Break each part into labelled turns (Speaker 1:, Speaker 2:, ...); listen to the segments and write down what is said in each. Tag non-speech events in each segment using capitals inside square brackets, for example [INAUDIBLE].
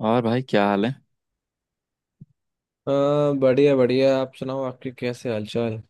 Speaker 1: और भाई क्या हाल है?
Speaker 2: हाँ, बढ़िया बढ़िया। आप सुनाओ, आपके कैसे हालचाल?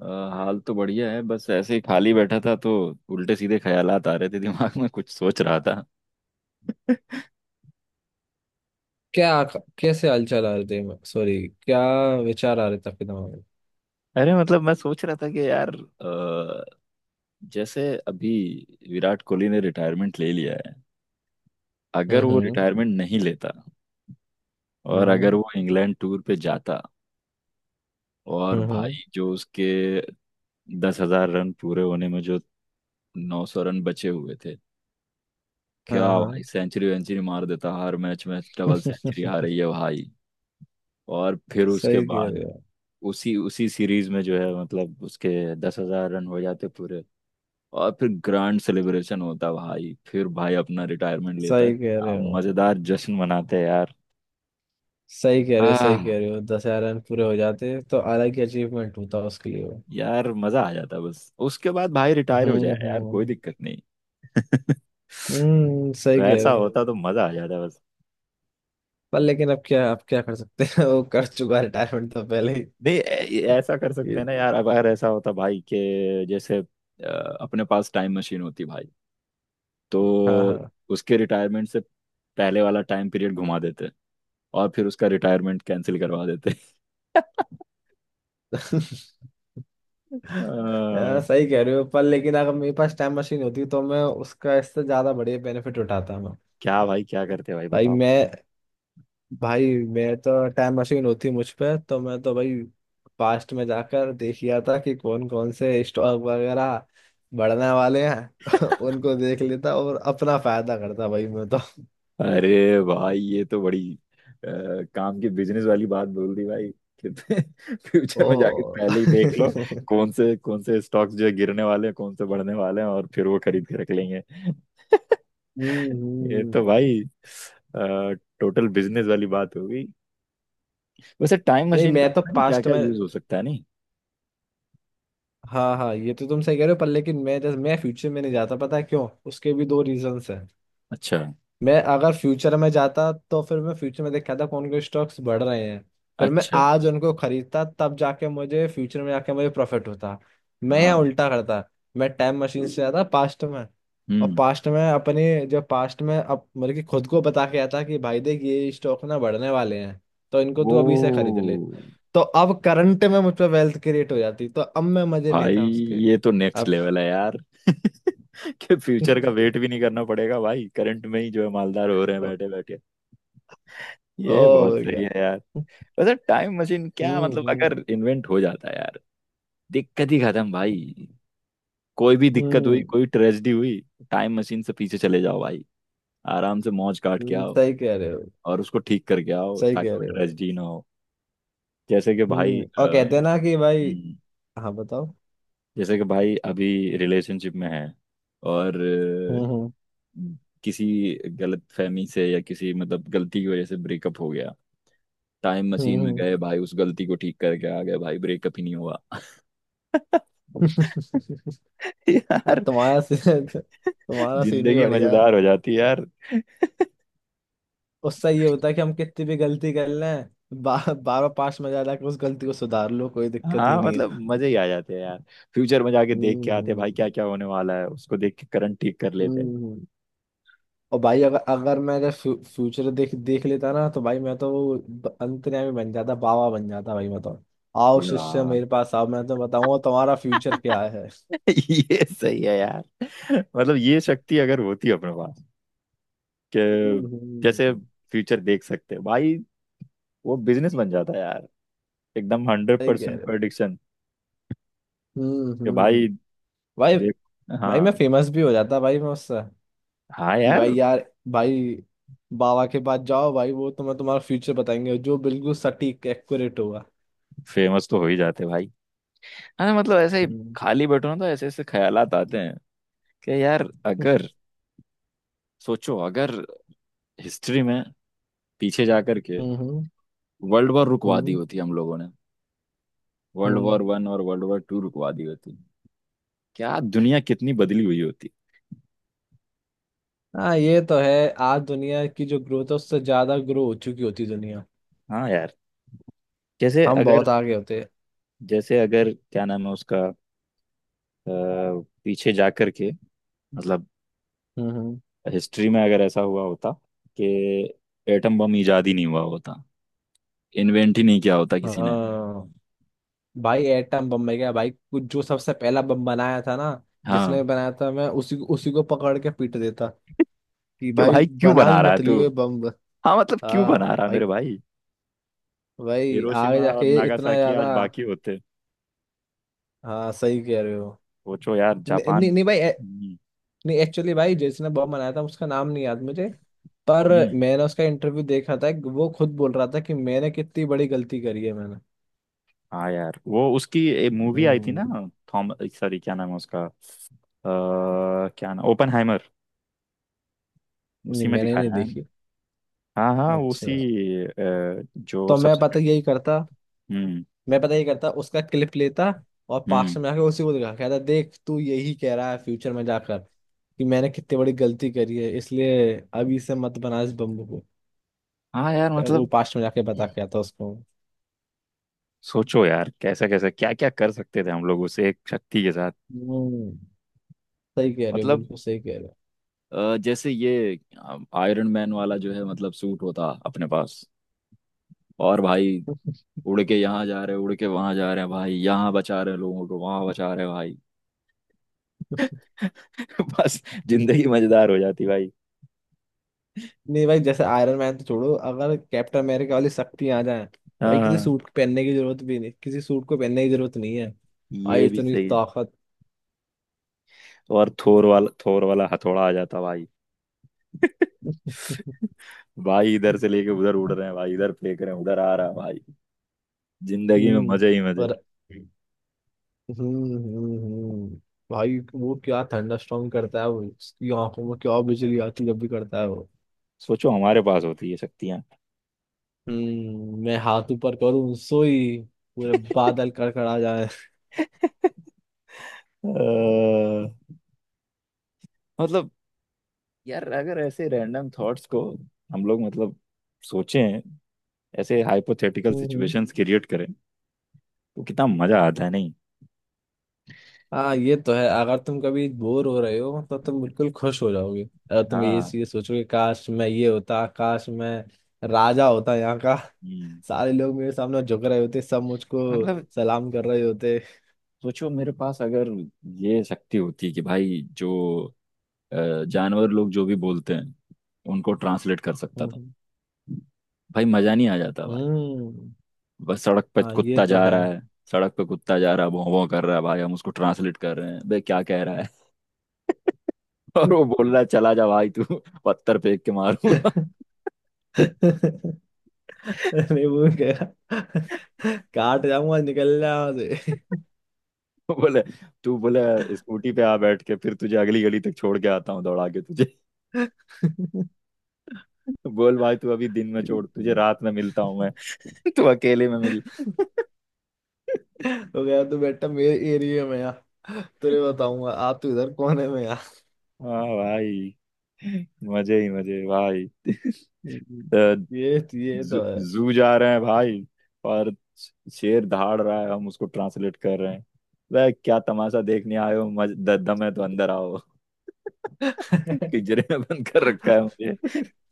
Speaker 1: अ, हाल तो बढ़िया है, बस ऐसे ही खाली बैठा था तो उल्टे सीधे ख्यालात आ रहे थे दिमाग में, कुछ सोच रहा था।
Speaker 2: क्या? कैसे हालचाल आ रहे थे? सॉरी। क्या विचार आ रहे थे आपके दिमाग में?
Speaker 1: अरे मतलब मैं सोच रहा था कि यार जैसे अभी विराट कोहली ने रिटायरमेंट ले लिया है।
Speaker 2: हम्म,
Speaker 1: अगर वो
Speaker 2: हम्म।
Speaker 1: रिटायरमेंट नहीं लेता और अगर वो इंग्लैंड टूर पे जाता, और
Speaker 2: हम्म, हम्म।
Speaker 1: भाई जो उसके 10,000 रन पूरे होने में जो 900 रन बचे हुए थे, क्या
Speaker 2: हाँ, हाँ।
Speaker 1: भाई सेंचुरी वेंचुरी मार देता, हर मैच में डबल सेंचुरी
Speaker 2: [LAUGHS]
Speaker 1: आ रही है भाई। और फिर उसके
Speaker 2: सही कह रहे
Speaker 1: बाद
Speaker 2: हो,
Speaker 1: उसी उसी सीरीज में जो है मतलब उसके 10,000 रन हो जाते पूरे और फिर ग्रैंड सेलिब्रेशन होता भाई, फिर भाई अपना रिटायरमेंट लेता,
Speaker 2: सही कह
Speaker 1: क्या
Speaker 2: रहे हो,
Speaker 1: मजेदार जश्न मनाते हैं यार।
Speaker 2: सही कह रहे हो, सही
Speaker 1: आह,
Speaker 2: कह रहे हो। 10,000 रन पूरे हो जाते तो अलग ही अचीवमेंट होता उसके लिए वो।
Speaker 1: यार मजा आ जाता, बस उसके बाद भाई रिटायर हो जाए
Speaker 2: हम्म,
Speaker 1: यार कोई
Speaker 2: हम्म।
Speaker 1: दिक्कत नहीं। [LAUGHS]
Speaker 2: हम्म,
Speaker 1: सही
Speaker 2: सही कह
Speaker 1: वैसा
Speaker 2: रहे
Speaker 1: कह रहे
Speaker 2: हो।
Speaker 1: होता हो तो मजा आ जाता बस।
Speaker 2: पर लेकिन अब क्या, आप क्या कर सकते हैं? [LAUGHS] वो कर चुका रिटायरमेंट तो पहले ही।
Speaker 1: नहीं, ऐसा कर सकते
Speaker 2: ये।
Speaker 1: हैं ना यार, अगर ऐसा होता भाई के जैसे अपने पास टाइम मशीन होती भाई तो
Speaker 2: हाँ,
Speaker 1: उसके रिटायरमेंट से पहले वाला टाइम पीरियड घुमा देते और फिर उसका रिटायरमेंट कैंसिल करवा देते।
Speaker 2: हाँ। [LAUGHS]
Speaker 1: [LAUGHS] अ,
Speaker 2: हाँ, सही कह रहे हो। पर लेकिन अगर मेरे पास टाइम मशीन होती तो मैं उसका इससे ज्यादा बढ़िया बेनिफिट उठाता मैं।
Speaker 1: क्या भाई क्या करते भाई
Speaker 2: भाई
Speaker 1: बताओ?
Speaker 2: मैं भाई मैं तो टाइम मशीन होती मुझ पे तो मैं तो भाई पास्ट में जाकर देख लिया था कि कौन कौन से स्टॉक वगैरह बढ़ने वाले हैं। [LAUGHS] उनको देख लेता और अपना फायदा करता भाई मैं तो।
Speaker 1: अरे भाई ये तो बड़ी काम की बिजनेस वाली बात बोल दी भाई कि [LAUGHS] फ्यूचर
Speaker 2: ओ।
Speaker 1: में जाके
Speaker 2: [LAUGHS]
Speaker 1: पहले ही देख लो
Speaker 2: हम्म,
Speaker 1: कौन से स्टॉक्स जो है गिरने वाले हैं कौन से बढ़ने वाले हैं और फिर वो खरीद के रख लेंगे। [LAUGHS] ये तो
Speaker 2: हम्म।
Speaker 1: भाई टोटल बिजनेस वाली बात होगी। वैसे टाइम
Speaker 2: नहीं,
Speaker 1: मशीन का
Speaker 2: मैं तो
Speaker 1: पता नहीं क्या
Speaker 2: पास्ट
Speaker 1: क्या
Speaker 2: में।
Speaker 1: यूज हो सकता है नहीं।
Speaker 2: हाँ हाँ, ये तो तुम सही कह रहे हो। पर लेकिन मैं जैसे मैं फ्यूचर में नहीं जाता, पता है क्यों? उसके भी दो रीजंस है।
Speaker 1: अच्छा
Speaker 2: मैं अगर फ्यूचर में जाता तो फिर मैं फ्यूचर में देखता था कौन कौन स्टॉक्स बढ़ रहे हैं। फिर मैं
Speaker 1: अच्छा।
Speaker 2: आज उनको खरीदता, तब जाके मुझे फ्यूचर में जाके मुझे प्रॉफिट होता। मैं यहाँ
Speaker 1: हाँ।
Speaker 2: उल्टा करता। मैं टाइम मशीन से जाता पास्ट में। और
Speaker 1: हम्म।
Speaker 2: पास्ट में अपने जो पास्ट में अप मतलब कि खुद को बता के आता कि भाई देख ये स्टॉक ना बढ़ने वाले हैं, तो इनको
Speaker 1: ओ
Speaker 2: तू अभी से खरीद ले। तो अब करंट में मुझ पर वेल्थ क्रिएट हो जाती, तो अब मैं मजे
Speaker 1: भाई,
Speaker 2: लेता उसके।
Speaker 1: ये तो नेक्स्ट
Speaker 2: अब।
Speaker 1: लेवल है यार [LAUGHS] कि फ्यूचर का
Speaker 2: [LAUGHS]
Speaker 1: वेट भी नहीं करना पड़ेगा भाई, करंट में ही जो है मालदार हो रहे हैं बैठे बैठे। ये बहुत
Speaker 2: ओ
Speaker 1: सही
Speaker 2: गया।
Speaker 1: है यार। वैसे टाइम मशीन क्या
Speaker 2: हम्म,
Speaker 1: मतलब
Speaker 2: हम्म।
Speaker 1: अगर इन्वेंट हो जाता है यार, दिक्कत ही खत्म भाई। कोई भी दिक्कत हुई,
Speaker 2: हम्म,
Speaker 1: कोई ट्रेजेडी हुई, टाइम मशीन से पीछे चले जाओ भाई, आराम से मौज काट के आओ
Speaker 2: सही कह रहे हो,
Speaker 1: और उसको ठीक करके आओ
Speaker 2: सही
Speaker 1: ताकि
Speaker 2: कह
Speaker 1: वो
Speaker 2: रहे हो।
Speaker 1: ट्रेजेडी ना हो। जैसे कि भाई
Speaker 2: हम्म। और कहते हैं ना
Speaker 1: हम्म,
Speaker 2: कि भाई। हाँ, बताओ।
Speaker 1: जैसे कि भाई अभी रिलेशनशिप में है और
Speaker 2: हम्म, हम्म।
Speaker 1: किसी गलत फहमी से या किसी मतलब गलती की वजह से ब्रेकअप हो गया, टाइम
Speaker 2: हम्म,
Speaker 1: मशीन में
Speaker 2: हम्म।
Speaker 1: गए भाई, उस गलती को ठीक करके आ गए भाई, ब्रेकअप ही नहीं हुआ। [LAUGHS]
Speaker 2: [LAUGHS] अब
Speaker 1: यार
Speaker 2: तुम्हारा सीन, तुम्हारा सीन भी
Speaker 1: जिंदगी
Speaker 2: बढ़िया है।
Speaker 1: मजेदार हो जाती है यार।
Speaker 2: उससे ये होता है कि हम कितनी भी गलती कर लें बार पास में ज्यादा उस गलती को सुधार लो, कोई दिक्कत ही
Speaker 1: हाँ
Speaker 2: नहीं है।
Speaker 1: मतलब मजे ही आ जाते हैं यार, फ्यूचर में जाके देख के
Speaker 2: हम्म,
Speaker 1: आते हैं भाई क्या क्या होने वाला है उसको देख के करंट ठीक कर लेते हैं।
Speaker 2: हम्म, हम्म। और भाई अगर अगर मैं अगर फ्यूचर देख देख लेता ना तो भाई मैं तो वो अंतर्यामी बन जाता, बाबा बन जाता भाई मैं तो। आओ शिष्य
Speaker 1: यार
Speaker 2: मेरे पास आओ, मैं तो बताऊंगा तुम्हारा फ्यूचर क्या है।
Speaker 1: ये सही है यार, मतलब ये शक्ति अगर होती है अपने पास
Speaker 2: हम्म,
Speaker 1: कि जैसे फ्यूचर देख सकते हैं भाई, वो बिजनेस बन जाता है यार, एकदम हंड्रेड
Speaker 2: सही कह
Speaker 1: परसेंट
Speaker 2: रहे हो।
Speaker 1: प्रडिक्शन
Speaker 2: हम्म,
Speaker 1: कि
Speaker 2: हम्म।
Speaker 1: भाई
Speaker 2: भाई
Speaker 1: देख।
Speaker 2: भाई मैं
Speaker 1: हाँ।
Speaker 2: फेमस भी हो जाता भाई मैं उससे।
Speaker 1: हाँ
Speaker 2: कि
Speaker 1: यार
Speaker 2: भाई यार, भाई बाबा के पास जाओ, भाई वो तुम्हें तुम्हारा फ्यूचर बताएंगे जो बिल्कुल सटीक एक्यूरेट होगा।
Speaker 1: फेमस तो हो ही जाते भाई। हाँ मतलब ऐसे ही
Speaker 2: हम्म,
Speaker 1: खाली बैठो ना तो ऐसे ऐसे ख्यालात आते हैं कि यार अगर सोचो, अगर हिस्ट्री में पीछे जा करके
Speaker 2: हम्म।
Speaker 1: वर्ल्ड वॉर रुकवा दी
Speaker 2: हम्म,
Speaker 1: होती हम लोगों ने, वर्ल्ड
Speaker 2: हम्म।
Speaker 1: वॉर वन और वर्ल्ड वॉर टू रुकवा दी होती, क्या दुनिया कितनी बदली हुई।
Speaker 2: हाँ, ये तो है। आज दुनिया की जो ग्रोथ है उससे ज्यादा ग्रो हो चुकी होती दुनिया।
Speaker 1: हाँ यार, जैसे
Speaker 2: हम
Speaker 1: अगर
Speaker 2: बहुत आगे होते।
Speaker 1: जैसे अगर क्या नाम है उसका, अ, पीछे जाकर के मतलब
Speaker 2: हम्म,
Speaker 1: हिस्ट्री में अगर ऐसा हुआ होता कि एटम बम इजाद ही नहीं हुआ होता, इन्वेंट ही नहीं किया होता किसी ने।
Speaker 2: हाँ भाई, एटम बम में गया भाई कुछ जो सबसे पहला बम बनाया था ना, जिसने
Speaker 1: हाँ
Speaker 2: बनाया था मैं उसी उसी को पकड़ के पीट देता कि
Speaker 1: कि
Speaker 2: भाई
Speaker 1: भाई क्यों
Speaker 2: बना
Speaker 1: बना
Speaker 2: भी
Speaker 1: रहा
Speaker 2: मत
Speaker 1: है तू,
Speaker 2: लियो ये बम।
Speaker 1: हाँ मतलब क्यों
Speaker 2: हाँ।
Speaker 1: बना रहा है
Speaker 2: भाई
Speaker 1: मेरे भाई।
Speaker 2: भाई आगे
Speaker 1: हिरोशिमा और
Speaker 2: जाके ये इतना
Speaker 1: नागासाकी
Speaker 2: ज्यादा।
Speaker 1: आज बाकी होते,
Speaker 2: हाँ, सही कह रहे हो।
Speaker 1: सोचो यार
Speaker 2: नहीं नहीं
Speaker 1: जापान।
Speaker 2: नहीं भाई
Speaker 1: हम्म
Speaker 2: नहीं एक्चुअली भाई, जिसने बम बनाया था उसका नाम नहीं याद मुझे। पर
Speaker 1: हम्म,
Speaker 2: मैंने उसका इंटरव्यू देखा था, वो खुद बोल रहा था कि मैंने कितनी बड़ी गलती करी है मैंने।
Speaker 1: हाँ यार वो उसकी एक मूवी आई थी ना,
Speaker 2: हम्म।
Speaker 1: थॉम सॉरी क्या नाम है उसका, क्या नाम, ओपनहाइमर।
Speaker 2: नहीं,
Speaker 1: उसी में
Speaker 2: मैंने नहीं
Speaker 1: दिखाया है।
Speaker 2: देखी।
Speaker 1: हाँ हाँ
Speaker 2: अच्छा।
Speaker 1: उसी जो
Speaker 2: तो मैं
Speaker 1: सबसे
Speaker 2: पता
Speaker 1: पहले।
Speaker 2: यही करता
Speaker 1: हम्म
Speaker 2: मैं पता यही करता उसका क्लिप लेता और
Speaker 1: हम्म।
Speaker 2: पास्ट में जाके उसी को दिखा कहता देख तू यही कह रहा है फ्यूचर में जाकर कि मैंने कितनी बड़ी गलती करी है, इसलिए अभी से मत बना इस बम को।
Speaker 1: हाँ यार
Speaker 2: वो
Speaker 1: मतलब
Speaker 2: पास्ट में जाके बता के आता उसको।
Speaker 1: सोचो यार कैसा कैसा क्या क्या कर सकते थे हम लोग उस एक शक्ति के साथ।
Speaker 2: हम्म, सही कह रहे हो,
Speaker 1: मतलब
Speaker 2: बिल्कुल सही कह रहे
Speaker 1: जैसे ये आयरन मैन वाला जो है मतलब सूट होता अपने पास और भाई
Speaker 2: हो।
Speaker 1: उड़ के यहाँ जा रहे, उड़ के वहां जा रहे हैं भाई, यहाँ बचा रहे हैं लोगों को, वहां बचा रहे हैं भाई।
Speaker 2: [LAUGHS]
Speaker 1: [LAUGHS] बस जिंदगी मजेदार हो जाती भाई।
Speaker 2: नहीं भाई, जैसे आयरन मैन तो छोड़ो, अगर कैप्टन अमेरिका वाली शक्ति आ जाए, भाई
Speaker 1: हाँ
Speaker 2: किसी
Speaker 1: हाँ।
Speaker 2: सूट पहनने की जरूरत भी नहीं, किसी सूट को पहनने की जरूरत नहीं है भाई,
Speaker 1: ये भी
Speaker 2: इतनी
Speaker 1: सही।
Speaker 2: ताकत।
Speaker 1: और थोर वाला हथौड़ा आ जाता भाई,
Speaker 2: [LAUGHS]
Speaker 1: भाई इधर से लेके उधर उड़ रहे हैं भाई, इधर फेंक रहे हैं उधर आ रहा है भाई, जिंदगी में
Speaker 2: हम्म।
Speaker 1: मजे ही मजे।
Speaker 2: और हम्म, हम्म, भाई वो क्या थंडरस्टॉर्म करता है वो, उसकी आंखों में क्या बिजली आती है जब भी करता है।
Speaker 1: सोचो हमारे पास होती है शक्तियां।
Speaker 2: हम्म। मैं हाथ ऊपर करूं सोई पूरे बादल कड़कड़ा जाए।
Speaker 1: अ, मतलब यार अगर ऐसे रैंडम थॉट्स को हम लोग मतलब सोचें, ऐसे हाइपोथेटिकल
Speaker 2: हम्म,
Speaker 1: सिचुएशंस क्रिएट करें तो कितना मजा आता है नहीं।
Speaker 2: हाँ, ये तो है। अगर तुम कभी बोर हो रहे हो तो तुम बिल्कुल खुश हो जाओगे अगर तुम ये
Speaker 1: हाँ
Speaker 2: चीज सोचोगे काश मैं ये होता, काश मैं राजा होता यहाँ का,
Speaker 1: हम्म,
Speaker 2: सारे लोग मेरे सामने झुक रहे होते, सब मुझको
Speaker 1: मतलब
Speaker 2: सलाम कर रहे होते।
Speaker 1: सोचो मेरे पास अगर ये शक्ति होती कि भाई जो जानवर लोग जो भी बोलते हैं उनको ट्रांसलेट कर सकता था,
Speaker 2: हम्म,
Speaker 1: भाई मजा नहीं आ जाता भाई।
Speaker 2: हम्म,
Speaker 1: बस सड़क पे
Speaker 2: हाँ ये
Speaker 1: कुत्ता
Speaker 2: तो
Speaker 1: जा
Speaker 2: है।
Speaker 1: रहा है, सड़क पे कुत्ता जा रहा है भौं भौं कर रहा है, भाई हम उसको ट्रांसलेट कर रहे हैं बे क्या कह रहा है। [LAUGHS] और वो बोल रहा है चला जा भाई तू, पत्थर फेंक के मारूंगा।
Speaker 2: [LAUGHS]
Speaker 1: [LAUGHS]
Speaker 2: मैं वो कह रहा, काट जाऊंगा निकल जाऊंगा से।
Speaker 1: वो बोले, तू बोले स्कूटी पे आ बैठ के फिर तुझे अगली गली तक छोड़ के आता हूँ, दौड़ा के तुझे। [LAUGHS] बोल भाई तू अभी दिन में छोड़, तुझे रात में मिलता हूँ मैं। [LAUGHS] तू अकेले में मिल। [LAUGHS]
Speaker 2: तो गया तो बेटा मेरे एरिया में आ, तुझे बताऊंगा। आप तो इधर कोने में आ।
Speaker 1: हाँ भाई मजे ही मजे भाई। [LAUGHS]
Speaker 2: हम्म।
Speaker 1: तो
Speaker 2: ये ये
Speaker 1: जू
Speaker 2: तो है।
Speaker 1: जू जा रहे हैं भाई और शेर दहाड़ रहा है, हम उसको ट्रांसलेट कर रहे हैं, वह क्या तमाशा देखने आए हो, दम है तो अंदर आओ। [LAUGHS] पिंजरे में बंद कर रखा है मुझे।
Speaker 2: [LAUGHS]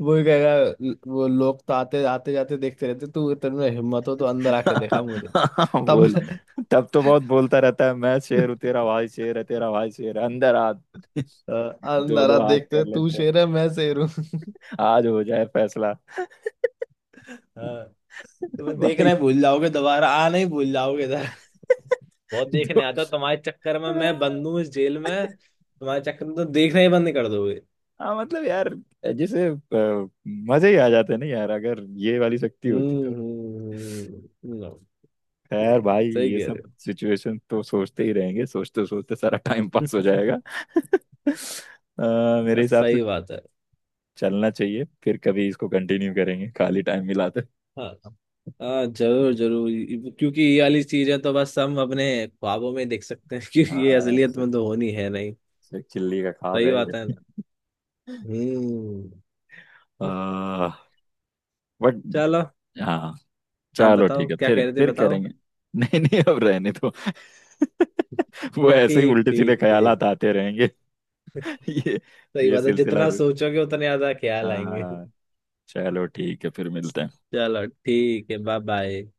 Speaker 2: वो ही कहेगा। वो लोग तो आते आते जाते देखते रहते, तू इतने में हिम्मत हो तो अंदर आके देखा मुझे।
Speaker 1: [LAUGHS]
Speaker 2: तब।
Speaker 1: बोल,
Speaker 2: [LAUGHS]
Speaker 1: तब तो बहुत बोलता रहता है मैं शेर हूँ तेरा, भाई शेर है तेरा, भाई शेर है, अंदर आ। [LAUGHS]
Speaker 2: अ,
Speaker 1: दो
Speaker 2: अंदर
Speaker 1: दो
Speaker 2: आ
Speaker 1: हाथ कर
Speaker 2: देखते तू
Speaker 1: लेते हैं,
Speaker 2: शेर है मैं शेर हूँ।
Speaker 1: आज हो जाए फैसला।
Speaker 2: हाँ,
Speaker 1: [LAUGHS]
Speaker 2: तुम्हें देखना
Speaker 1: भाई
Speaker 2: ही भूल जाओगे, दोबारा आना ही भूल जाओगे इधर। बहुत देखने आता हूँ, तुम्हारे चक्कर में मैं बंद
Speaker 1: हाँ
Speaker 2: हूँ इस जेल में, तुम्हारे चक्कर में तो देखना ही बंद कर दोगे।
Speaker 1: मतलब यार जैसे मजे ही आ जाते हैं ना यार अगर ये वाली शक्ति होती
Speaker 2: हम्म,
Speaker 1: तो।
Speaker 2: हम्म,
Speaker 1: खैर
Speaker 2: सही
Speaker 1: भाई
Speaker 2: सही
Speaker 1: ये
Speaker 2: कह
Speaker 1: सब
Speaker 2: रहे
Speaker 1: सिचुएशन तो सोचते ही रहेंगे, सोचते सोचते सारा टाइम पास हो
Speaker 2: हो।
Speaker 1: जाएगा। [LAUGHS] मेरे
Speaker 2: हाँ,
Speaker 1: हिसाब से
Speaker 2: सही बात है।
Speaker 1: चलना चाहिए, फिर कभी इसको कंटिन्यू करेंगे खाली टाइम मिला तो।
Speaker 2: हाँ हाँ, जरूर जरूर क्योंकि ये वाली चीजें तो बस हम अपने ख्वाबों में देख सकते हैं [LAUGHS] क्योंकि ये
Speaker 1: हाँ,
Speaker 2: असलियत में तो होनी है नहीं।
Speaker 1: सिर्फ चिल्ली का ख्वाब
Speaker 2: सही
Speaker 1: है ये।
Speaker 2: बात है ना। हम्म।
Speaker 1: आ, बट
Speaker 2: चलो।
Speaker 1: हाँ
Speaker 2: हाँ,
Speaker 1: चलो
Speaker 2: बताओ
Speaker 1: ठीक है
Speaker 2: क्या
Speaker 1: फिर
Speaker 2: कह रहे थे बताओ।
Speaker 1: करेंगे। [LAUGHS] नहीं नहीं अब रहने दो। [LAUGHS] वो ऐसे ही
Speaker 2: ठीक
Speaker 1: उल्टे सीधे
Speaker 2: ठीक ठीक।
Speaker 1: ख्यालात आते रहेंगे। [LAUGHS] ये
Speaker 2: सही
Speaker 1: ये
Speaker 2: बात है
Speaker 1: सिलसिला।
Speaker 2: जितना सोचोगे उतने ज्यादा
Speaker 1: [LAUGHS]
Speaker 2: ख्याल आएंगे।
Speaker 1: हाँ
Speaker 2: [LAUGHS]
Speaker 1: चलो ठीक है फिर मिलते हैं।
Speaker 2: चलो ठीक है, बाय बाय।